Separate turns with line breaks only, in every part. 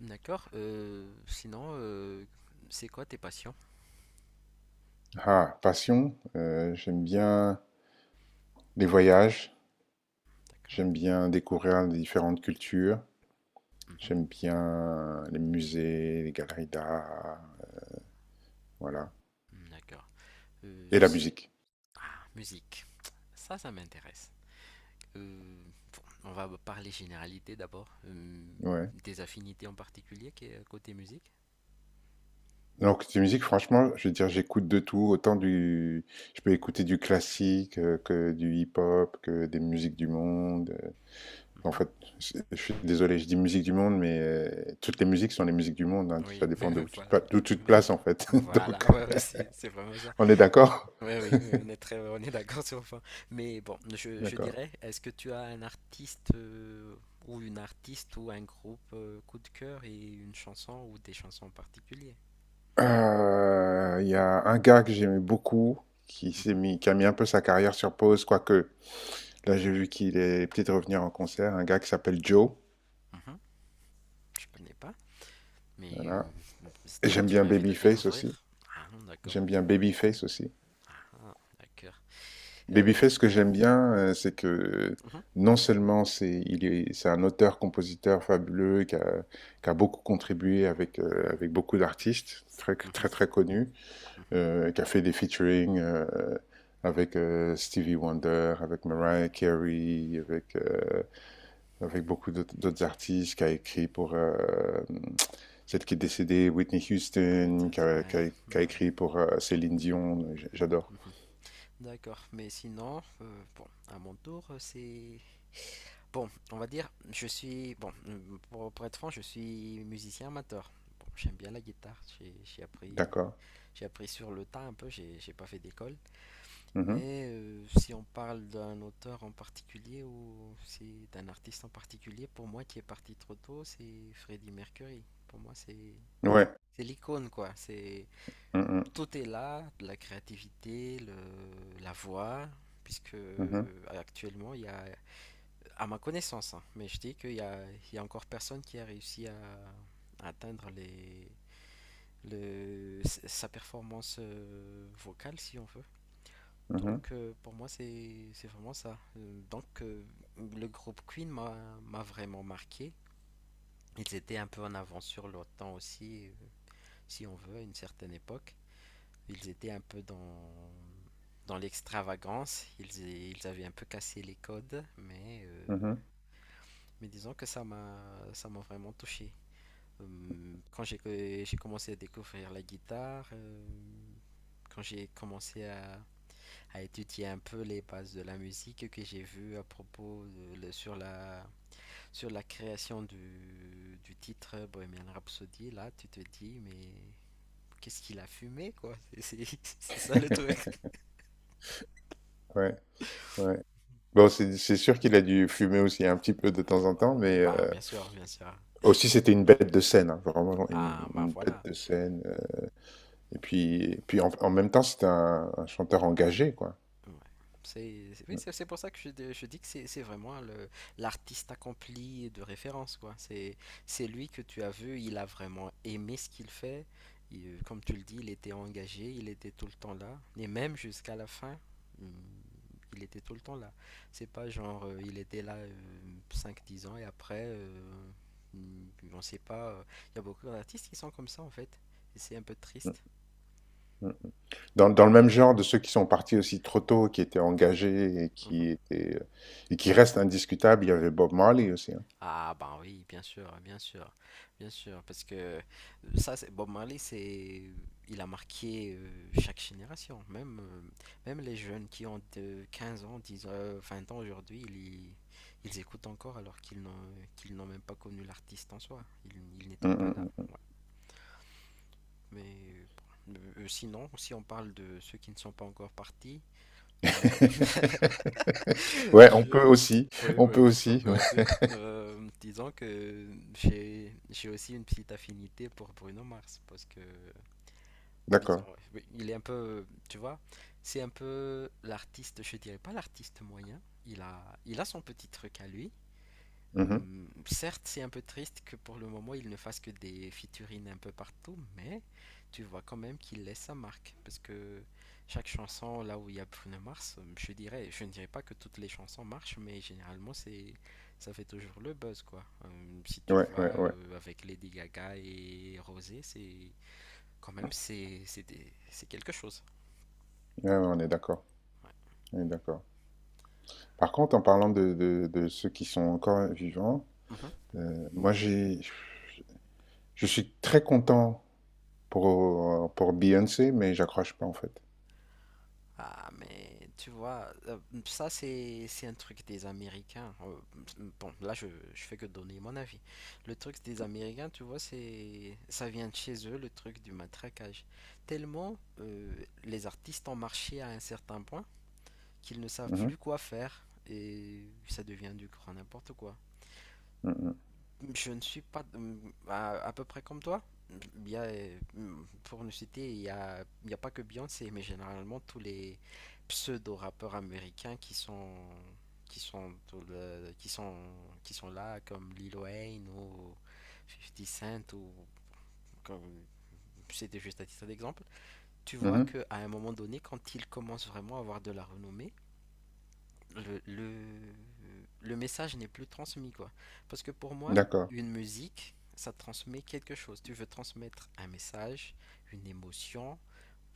D'accord. Sinon, c'est quoi tes passions?
Ah, passion, j'aime bien les voyages,
D'accord.
j'aime bien découvrir les différentes cultures,
Mhm.
j'aime bien les musées, les galeries d'art, voilà.
D'accord.
Et la
Si...
musique,
Ah, musique. Ça m'intéresse. Euh, on va parler généralité d'abord.
ouais.
Des affinités en particulier qui est côté musique?
Donc, la musique, franchement, je veux dire, j'écoute de tout, autant Je peux écouter du classique, que du hip-hop, que des musiques du monde. En
Mhm.
fait, je suis désolé, je dis musique du monde, mais toutes les musiques sont les musiques du monde, hein. Ça
Oui,
dépend de où tu
voilà.
d'où tu te places, en fait.
Voilà,
Donc,
ouais, ouais, c'est vraiment ça.
on est d'accord?
Oui, oui, oui, on est très, on est d'accord sur le point. Mais bon, je
D'accord.
dirais, est-ce que tu as un artiste ou une artiste ou un groupe coup de cœur et une chanson ou des chansons en particulier?
Il y a un gars que j'aimais beaucoup,
Mhm,
qui a mis un peu sa carrière sur pause, quoique, là, j'ai vu qu'il est peut-être revenir en concert, un gars qui s'appelle Joe,
mhm, je connais pas, mais
voilà.
euh,
Et
là
j'aime
tu
bien
m'invites à
Babyface aussi.
découvrir. Ah, d'accord.
J'aime bien Babyface aussi.
Ah, d'accord. Euh,
Babyface, ce que j'aime bien, c'est que,
mhm,
non seulement c'est il est c'est un auteur-compositeur fabuleux qui a beaucoup contribué avec beaucoup d'artistes
mhm,
très connus.
mhm,
Qui a fait des featuring avec Stevie Wonder, avec
ouais,
Mariah Carey, avec, avec beaucoup d'autres artistes, qui a écrit pour celle qui est décédée, Whitney Houston, qui
peut-être,
a,
ouais, ouais,
qui a
ouais,
écrit pour Céline Dion, j'adore.
mhm. D'accord, mais sinon, bon, à mon tour, c'est Bon, on va dire, je suis. Bon, pour être franc, je suis musicien amateur. Bon, j'aime bien la guitare.
D'accord.
J'ai appris sur le tas un peu. J'ai pas fait d'école.
Mhm.
Mais si on parle d'un auteur en particulier ou si d'un artiste en particulier, pour moi qui est parti trop tôt, c'est Freddie Mercury. Pour moi, c'est
Ouais.
c'est l'icône quoi. C'est
Mhm,
tout est là, de la créativité, la voix, puisque
mhm,
actuellement il y a à ma connaissance, hein, mais je dis qu'il y a, il y a encore personne qui a réussi à atteindre sa performance vocale, si on veut.
mhm,
Donc, pour moi, c'est vraiment ça. Donc, le groupe Queen m'a vraiment marqué. Ils étaient un peu en avance sur leur temps aussi, si on veut, à une certaine époque. Ils étaient un peu dans l'extravagance. Ils avaient un peu cassé les codes,
mhm.
mais disons que ça m'a vraiment touché. Quand j'ai commencé à découvrir la guitare, quand j'ai commencé à étudier un peu les bases de la musique que j'ai vu à propos sur la création du titre Bohemian Rhapsody, là tu te dis mais qu'est-ce qu'il a fumé quoi? C'est ça le truc.
Ouais, ouais. Bon, c'est sûr qu'il a dû fumer aussi un petit peu de temps en temps, mais
Bah bien sûr, bien sûr.
aussi c'était une bête de scène, hein, vraiment
Ah bah
une bête
voilà.
de scène. Et puis en, en même temps, c'était un chanteur engagé, quoi.
Ouais.
Mm.
C'est pour ça que je dis que c'est vraiment le l'artiste accompli de référence, quoi. C'est lui que tu as vu, il a vraiment aimé ce qu'il fait. Comme tu le dis, il était engagé, il était tout le temps là. Et même jusqu'à la fin, hum, il était tout le temps là. C'est pas genre, il était là cinq dix ans et après, on sait pas. Il y a beaucoup d'artistes qui sont comme ça, en fait. Et c'est un peu
Mm,
triste.
mm. Dans, dans le même genre de ceux qui sont partis aussi trop tôt, qui étaient engagés et
Mhm.
qui étaient, et qui restent indiscutables, il y avait Bob Marley aussi, hein.
Ah ben oui, bien sûr, bien sûr, bien sûr, parce que ça, c'est Bob Marley, c'est, il a marqué chaque génération, même, même les jeunes qui ont de 15 ans, 10 ans, 20 ans aujourd'hui, ils écoutent encore alors qu'ils n'ont même pas connu l'artiste en soi, ils n'étaient
Mmh
pas là.
mh, mmh.
Ouais. Mais euh, bon. Sinon, si on parle de ceux qui ne sont pas encore partis, hmm,
Ouais,
Je- oui,
on
oui,
peut
oui, un
aussi,
peu
ouais.
aussi. Disons que j'ai aussi une petite affinité pour Bruno Mars parce que, disons,
D'accord.
ouais, oui, il est un peu, tu vois, c'est un peu l'artiste, je dirais pas l'artiste moyen. Il a son petit truc à lui,
Mmh mh.
certes, c'est un peu triste que pour le moment il ne fasse que des featurines un peu partout, mais tu vois quand même qu'il laisse sa marque. Parce que chaque chanson, là où il y a Bruno Mars, je dirais, je ne dirais pas que toutes les chansons marchent, mais généralement ça fait toujours le buzz quoi. Si tu
Ouais,
vois
ouais, ouais.
avec Lady Gaga et Rosé, c'est quand même c'est des- c'est quelque chose.
Ouais, ouais, on est d'accord,
Ouais.
on est d'accord. Par contre, en parlant de ceux qui sont encore vivants,
Mhm.
moi j'ai je suis très content pour Beyoncé, mais j'accroche pas en fait.
Ah, mais tu vois, ça c'est un truc des Américains. Bon, là je, je fais que donner mon avis. Le truc des Américains, tu vois, c'est ça vient de chez eux, le truc du matraquage. Tellement les artistes ont marché à un certain point qu'ils ne savent
Mmh
plus
mh.
quoi faire et ça devient du grand n'importe quoi.
Mmh.
Je ne suis pas à peu près comme toi. Pour nous citer, il y a pas que Beyoncé, mais généralement tous les pseudo-rappeurs américains qui sont dans le- qui sont là comme Lil Wayne ou Fifty Cent ou comme c'était juste à titre d'exemple. Tu vois
Mmh.
que à un moment donné, quand ils commencent vraiment à avoir de la renommée, le, le, le message n'est plus transmis, quoi. Parce que pour moi,
D'accord.
une musique, ça transmet quelque chose. Tu veux transmettre un message, une émotion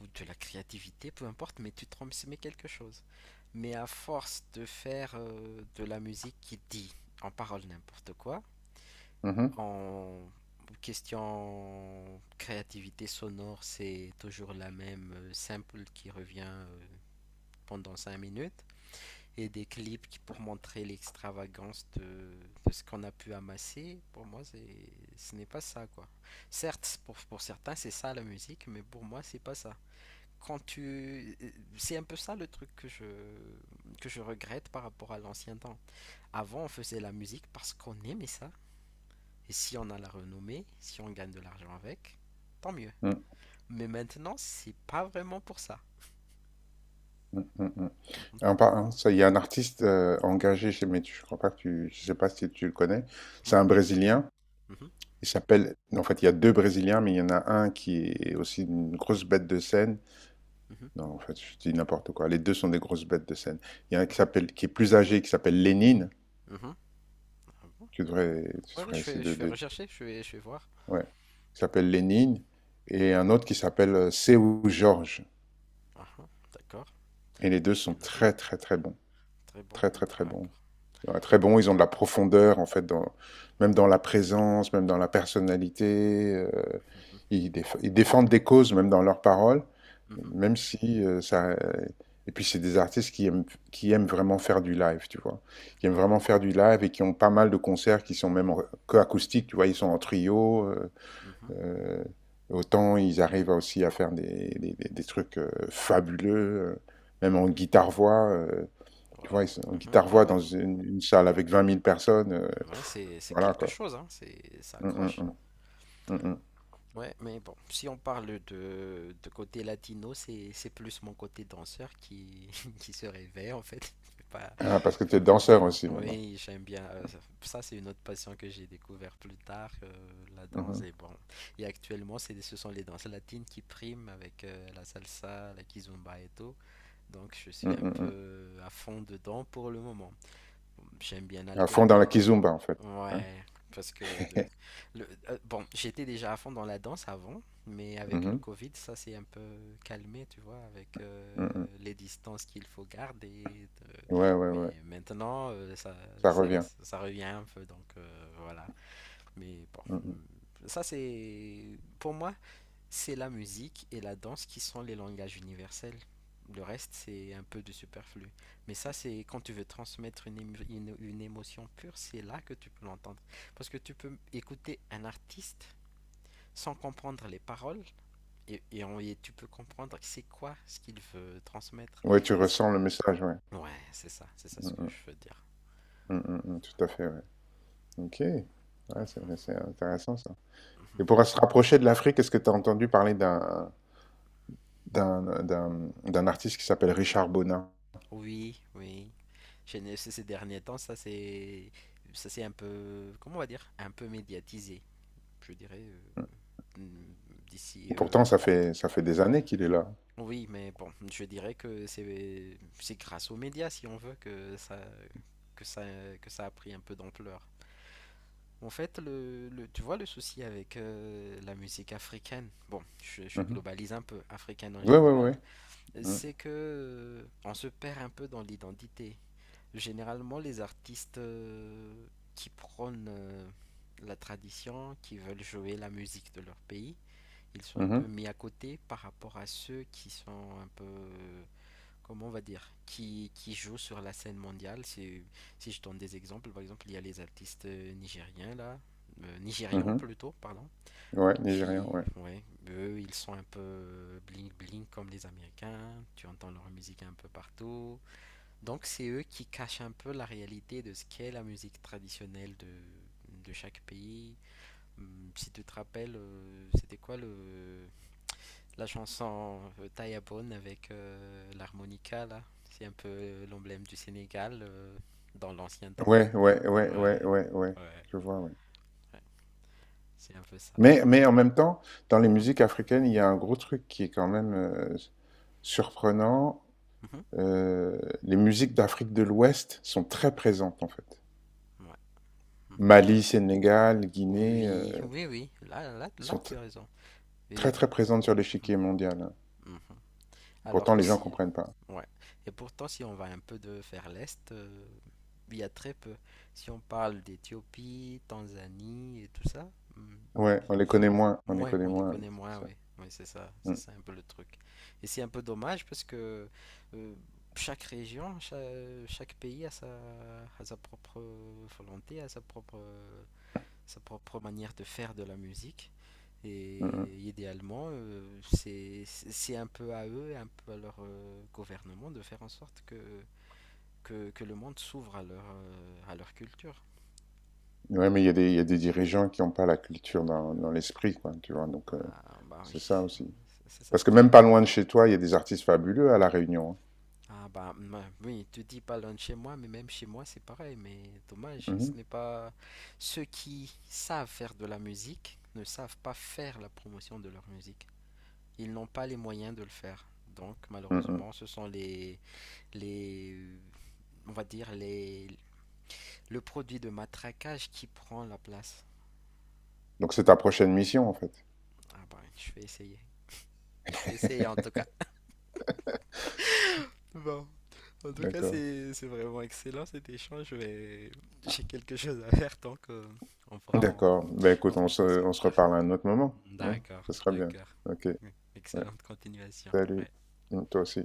ou de la créativité, peu importe, mais tu transmets quelque chose. Mais à force de faire de la musique qui dit en parole n'importe quoi,
Mmh mh.
en question créativité sonore, c'est toujours la même simple qui revient pendant 5 minutes et des clips pour montrer l'extravagance de ce qu'on a pu amasser, pour moi, ce n'est pas ça, quoi. Certes, pour certains, c'est ça la musique, mais pour moi, c'est pas ça. Quand tu... euh, C'est un peu ça le truc que je regrette par rapport à l'ancien temps. Avant, on faisait la musique parce qu'on aimait ça. Et si on a la renommée, si on gagne de l'argent avec, tant mieux.
Mmh.
Mais maintenant, c'est pas vraiment pour ça.
Mmh, mmh, mmh, mmh. Hein, ça, il y a un artiste engagé chez, mais je crois pas que tu, je sais pas si tu le connais.
Mhm,
C'est un Brésilien.
mhm,
Il s'appelle, en fait, il y a deux Brésiliens, mais il y en a un qui est aussi une grosse bête de scène.
mhm,
Non, en fait, je dis n'importe quoi. Les deux sont des grosses bêtes de scène. Il y en a un qui
mhm,
s'appelle, qui est plus âgé, qui s'appelle Lénine.
mhm. Ah bon?
Tu devrais,
Ouais, ouais, je fais rechercher, je vais voir.
ouais. Qui s'appelle Lénine. Et un autre qui s'appelle Seu Jorge.
Ah, ah, d'accord,
Et les deux
je vais
sont
noter.
très, très, très bons.
Très bon,
Très, très, très
d'accord.
bons. Ouais, très bon, ils ont de la profondeur en fait, dans, même dans la présence, même dans la personnalité. euh,
Mhm,
ils, déf- ils défendent des causes même dans leurs paroles,
mhm,
même si ça. Et puis c'est des artistes qui aiment vraiment faire du live, tu vois, qui aiment
ah, ah,
vraiment faire du live et qui ont pas mal de concerts qui sont même en- que acoustiques, tu vois, ils sont en trio.
mhm,
Euh, autant ils arrivent aussi à faire des trucs fabuleux, euh, même en
mhm.
guitare-voix. Tu vois,
Waouh.
en
Mhm. Ouais,
guitare-voix
ouais.
dans une salle avec 20 000 personnes,
Ouais,
pff,
c'est
voilà
quelque
quoi.
chose, hein. Ça
Hum, hum,
accroche.
hum, hum, hum.
Ouais, mais bon, si on parle de côté latino, c'est plus mon côté danseur qui, qui se réveille en fait. C'est pas,
Ah, parce que tu
pas,
es
Pas bizarre.
danseur aussi maintenant.
Oui, j'aime bien. Ça, c'est une autre passion que j'ai découvert plus tard, la danse.
Mhm,
Et bon, et actuellement, ce sont les danses latines qui priment avec la salsa, la kizomba et tout. Donc, je suis un
hum, hum.
peu à fond dedans pour le moment. Bon, j'aime bien
À fond dans la
alterner.
kizumba en fait, hein.
Ouais, parce que bon, j'étais déjà à fond dans la danse avant, mais avec le
Mhm,
Covid, ça s'est un peu calmé, tu vois, avec
hum.
les distances qu'il faut garder.
Ouais, ouais,
Mais
ouais,
maintenant,
ça
ça,
revient.
ça revient un peu, donc voilà. Mais bon,
Mm, mm.
ça c'est, pour moi, c'est la musique et la danse qui sont les langages universels. Le reste, c'est un peu de superflu. Mais ça, c'est quand tu veux transmettre une émotion pure, c'est là que tu peux l'entendre. Parce que tu peux écouter un artiste sans comprendre les paroles et tu peux comprendre c'est quoi ce qu'il veut transmettre.
Ouais, tu
Et c'est-
ressens le message, ouais.
ouais, c'est ça
Mm,
ce que
mm,
je veux dire.
mm, mm, mm, tout à fait, ouais. Ok. Ouais, c'est intéressant ça.
Mhm.
Et pour se rapprocher de l'Afrique, est-ce que tu as entendu parler d'un d'un artiste qui s'appelle Richard Bonin?
Oui, oui. Chez nous, ces ces derniers temps, ça c'est un peu, comment on va dire, un peu médiatisé, je dirais. D'ici.
Mm. Pourtant,
Il y a-
ça fait des années qu'il est là.
Oui, mais bon, je dirais que c'est grâce aux médias, si on veut, que ça, que ça a pris un peu d'ampleur. En fait, tu vois le souci avec la musique africaine, bon, je
Mmh.
globalise un peu, africaine en
Ouais, ouais,
général,
ouais. Mhm,
c'est que on se perd un peu dans l'identité. Généralement, les artistes qui prônent la tradition, qui veulent jouer la musique de leur pays, ils sont un peu
mhm,
mis à côté par rapport à ceux qui sont un peu, comment on va dire, qui jouent sur la scène mondiale. Si je donne des exemples, par exemple, il y a les artistes nigériens là, nigérians
mhm.
plutôt, pardon,
Ouais, nigérian,
qui,
ouais.
ouais, eux, ils sont un peu bling bling comme les Américains. Tu entends leur musique un peu partout. Donc c'est eux qui cachent un peu la réalité de ce qu'est la musique traditionnelle de chaque pays. Si tu te rappelles, c'était quoi le la chanson Tayabone avec l'harmonica, là, c'est un peu l'emblème du Sénégal dans l'ancien temps.
Ouais, ouais,
Ouais,
ouais, ouais, ouais, ouais.
ouais,
Je vois, ouais.
ouais, c'est un peu ça.
Mais en même temps, dans les
Mhm,
musiques africaines, il y a un gros truc qui est quand même, surprenant,
mhm,
les musiques d'Afrique de l'Ouest sont très présentes, en fait.
ouais, mhm.
Mali, Sénégal, Guinée,
Oui, oui, oui, oui. Là, là, là,
sont
tu as raison. Oui,
très,
oui, puis-
très présente sur l'échiquier mondial, hein.
mhm.
Et
Alors
pourtant
que
les gens
si,
comprennent pas.
ouais. Et pourtant, si on va un peu de vers l'est, il y a très peu. Si on parle d'Éthiopie, Tanzanie et tout ça, hum,
Ouais, on les connaît moins, on les
ouais,
connaît
on les
moins,
connaît moins,
c'est ça.
oui. Oui, c'est
Mmh,
ça un peu le truc. Et c'est un peu dommage parce que euh, chaque région, chaque pays a sa propre volonté, a sa propre manière de faire de la musique.
mmh
Et
mh.
idéalement, c'est un peu à eux et un peu à leur gouvernement de faire en sorte que le monde s'ouvre à leur culture.
Ouais, mais il y a des il y a des dirigeants qui n'ont pas la culture dans dans l'esprit, quoi, tu vois? Donc
Ah, bah oui,
c'est ça aussi.
c'est ça ce
Parce que
qui
même
est.
pas loin de chez toi, il y a des artistes fabuleux à La Réunion,
Oui, tu dis pas loin de chez moi, mais même chez moi c'est pareil, mais dommage,
hein.
ce n'est
Mmh
pas ceux qui savent faire de la musique ne savent pas faire la promotion de leur musique. Ils n'ont pas les moyens de le faire. Donc
mh. Mmh.
malheureusement, ce sont les on va dire le produit de matraquage qui prend la place.
Donc c'est ta prochaine mission, en fait?
Ah ben, je vais essayer. Je vais essayer en tout cas. Bon. En tout cas,
D'accord.
c'est vraiment excellent cet échange. J'ai quelque chose à faire, donc on pourra en,
D'accord. Ben
on
écoute,
pourra en poursuivre
on
plus
se
tard.
reparle à un autre moment, hein?
D'accord,
Ce sera bien.
d'accord.
OK. Ouais.
Excellente continuation.
Salut.
Ouais.
Mmh, toi aussi.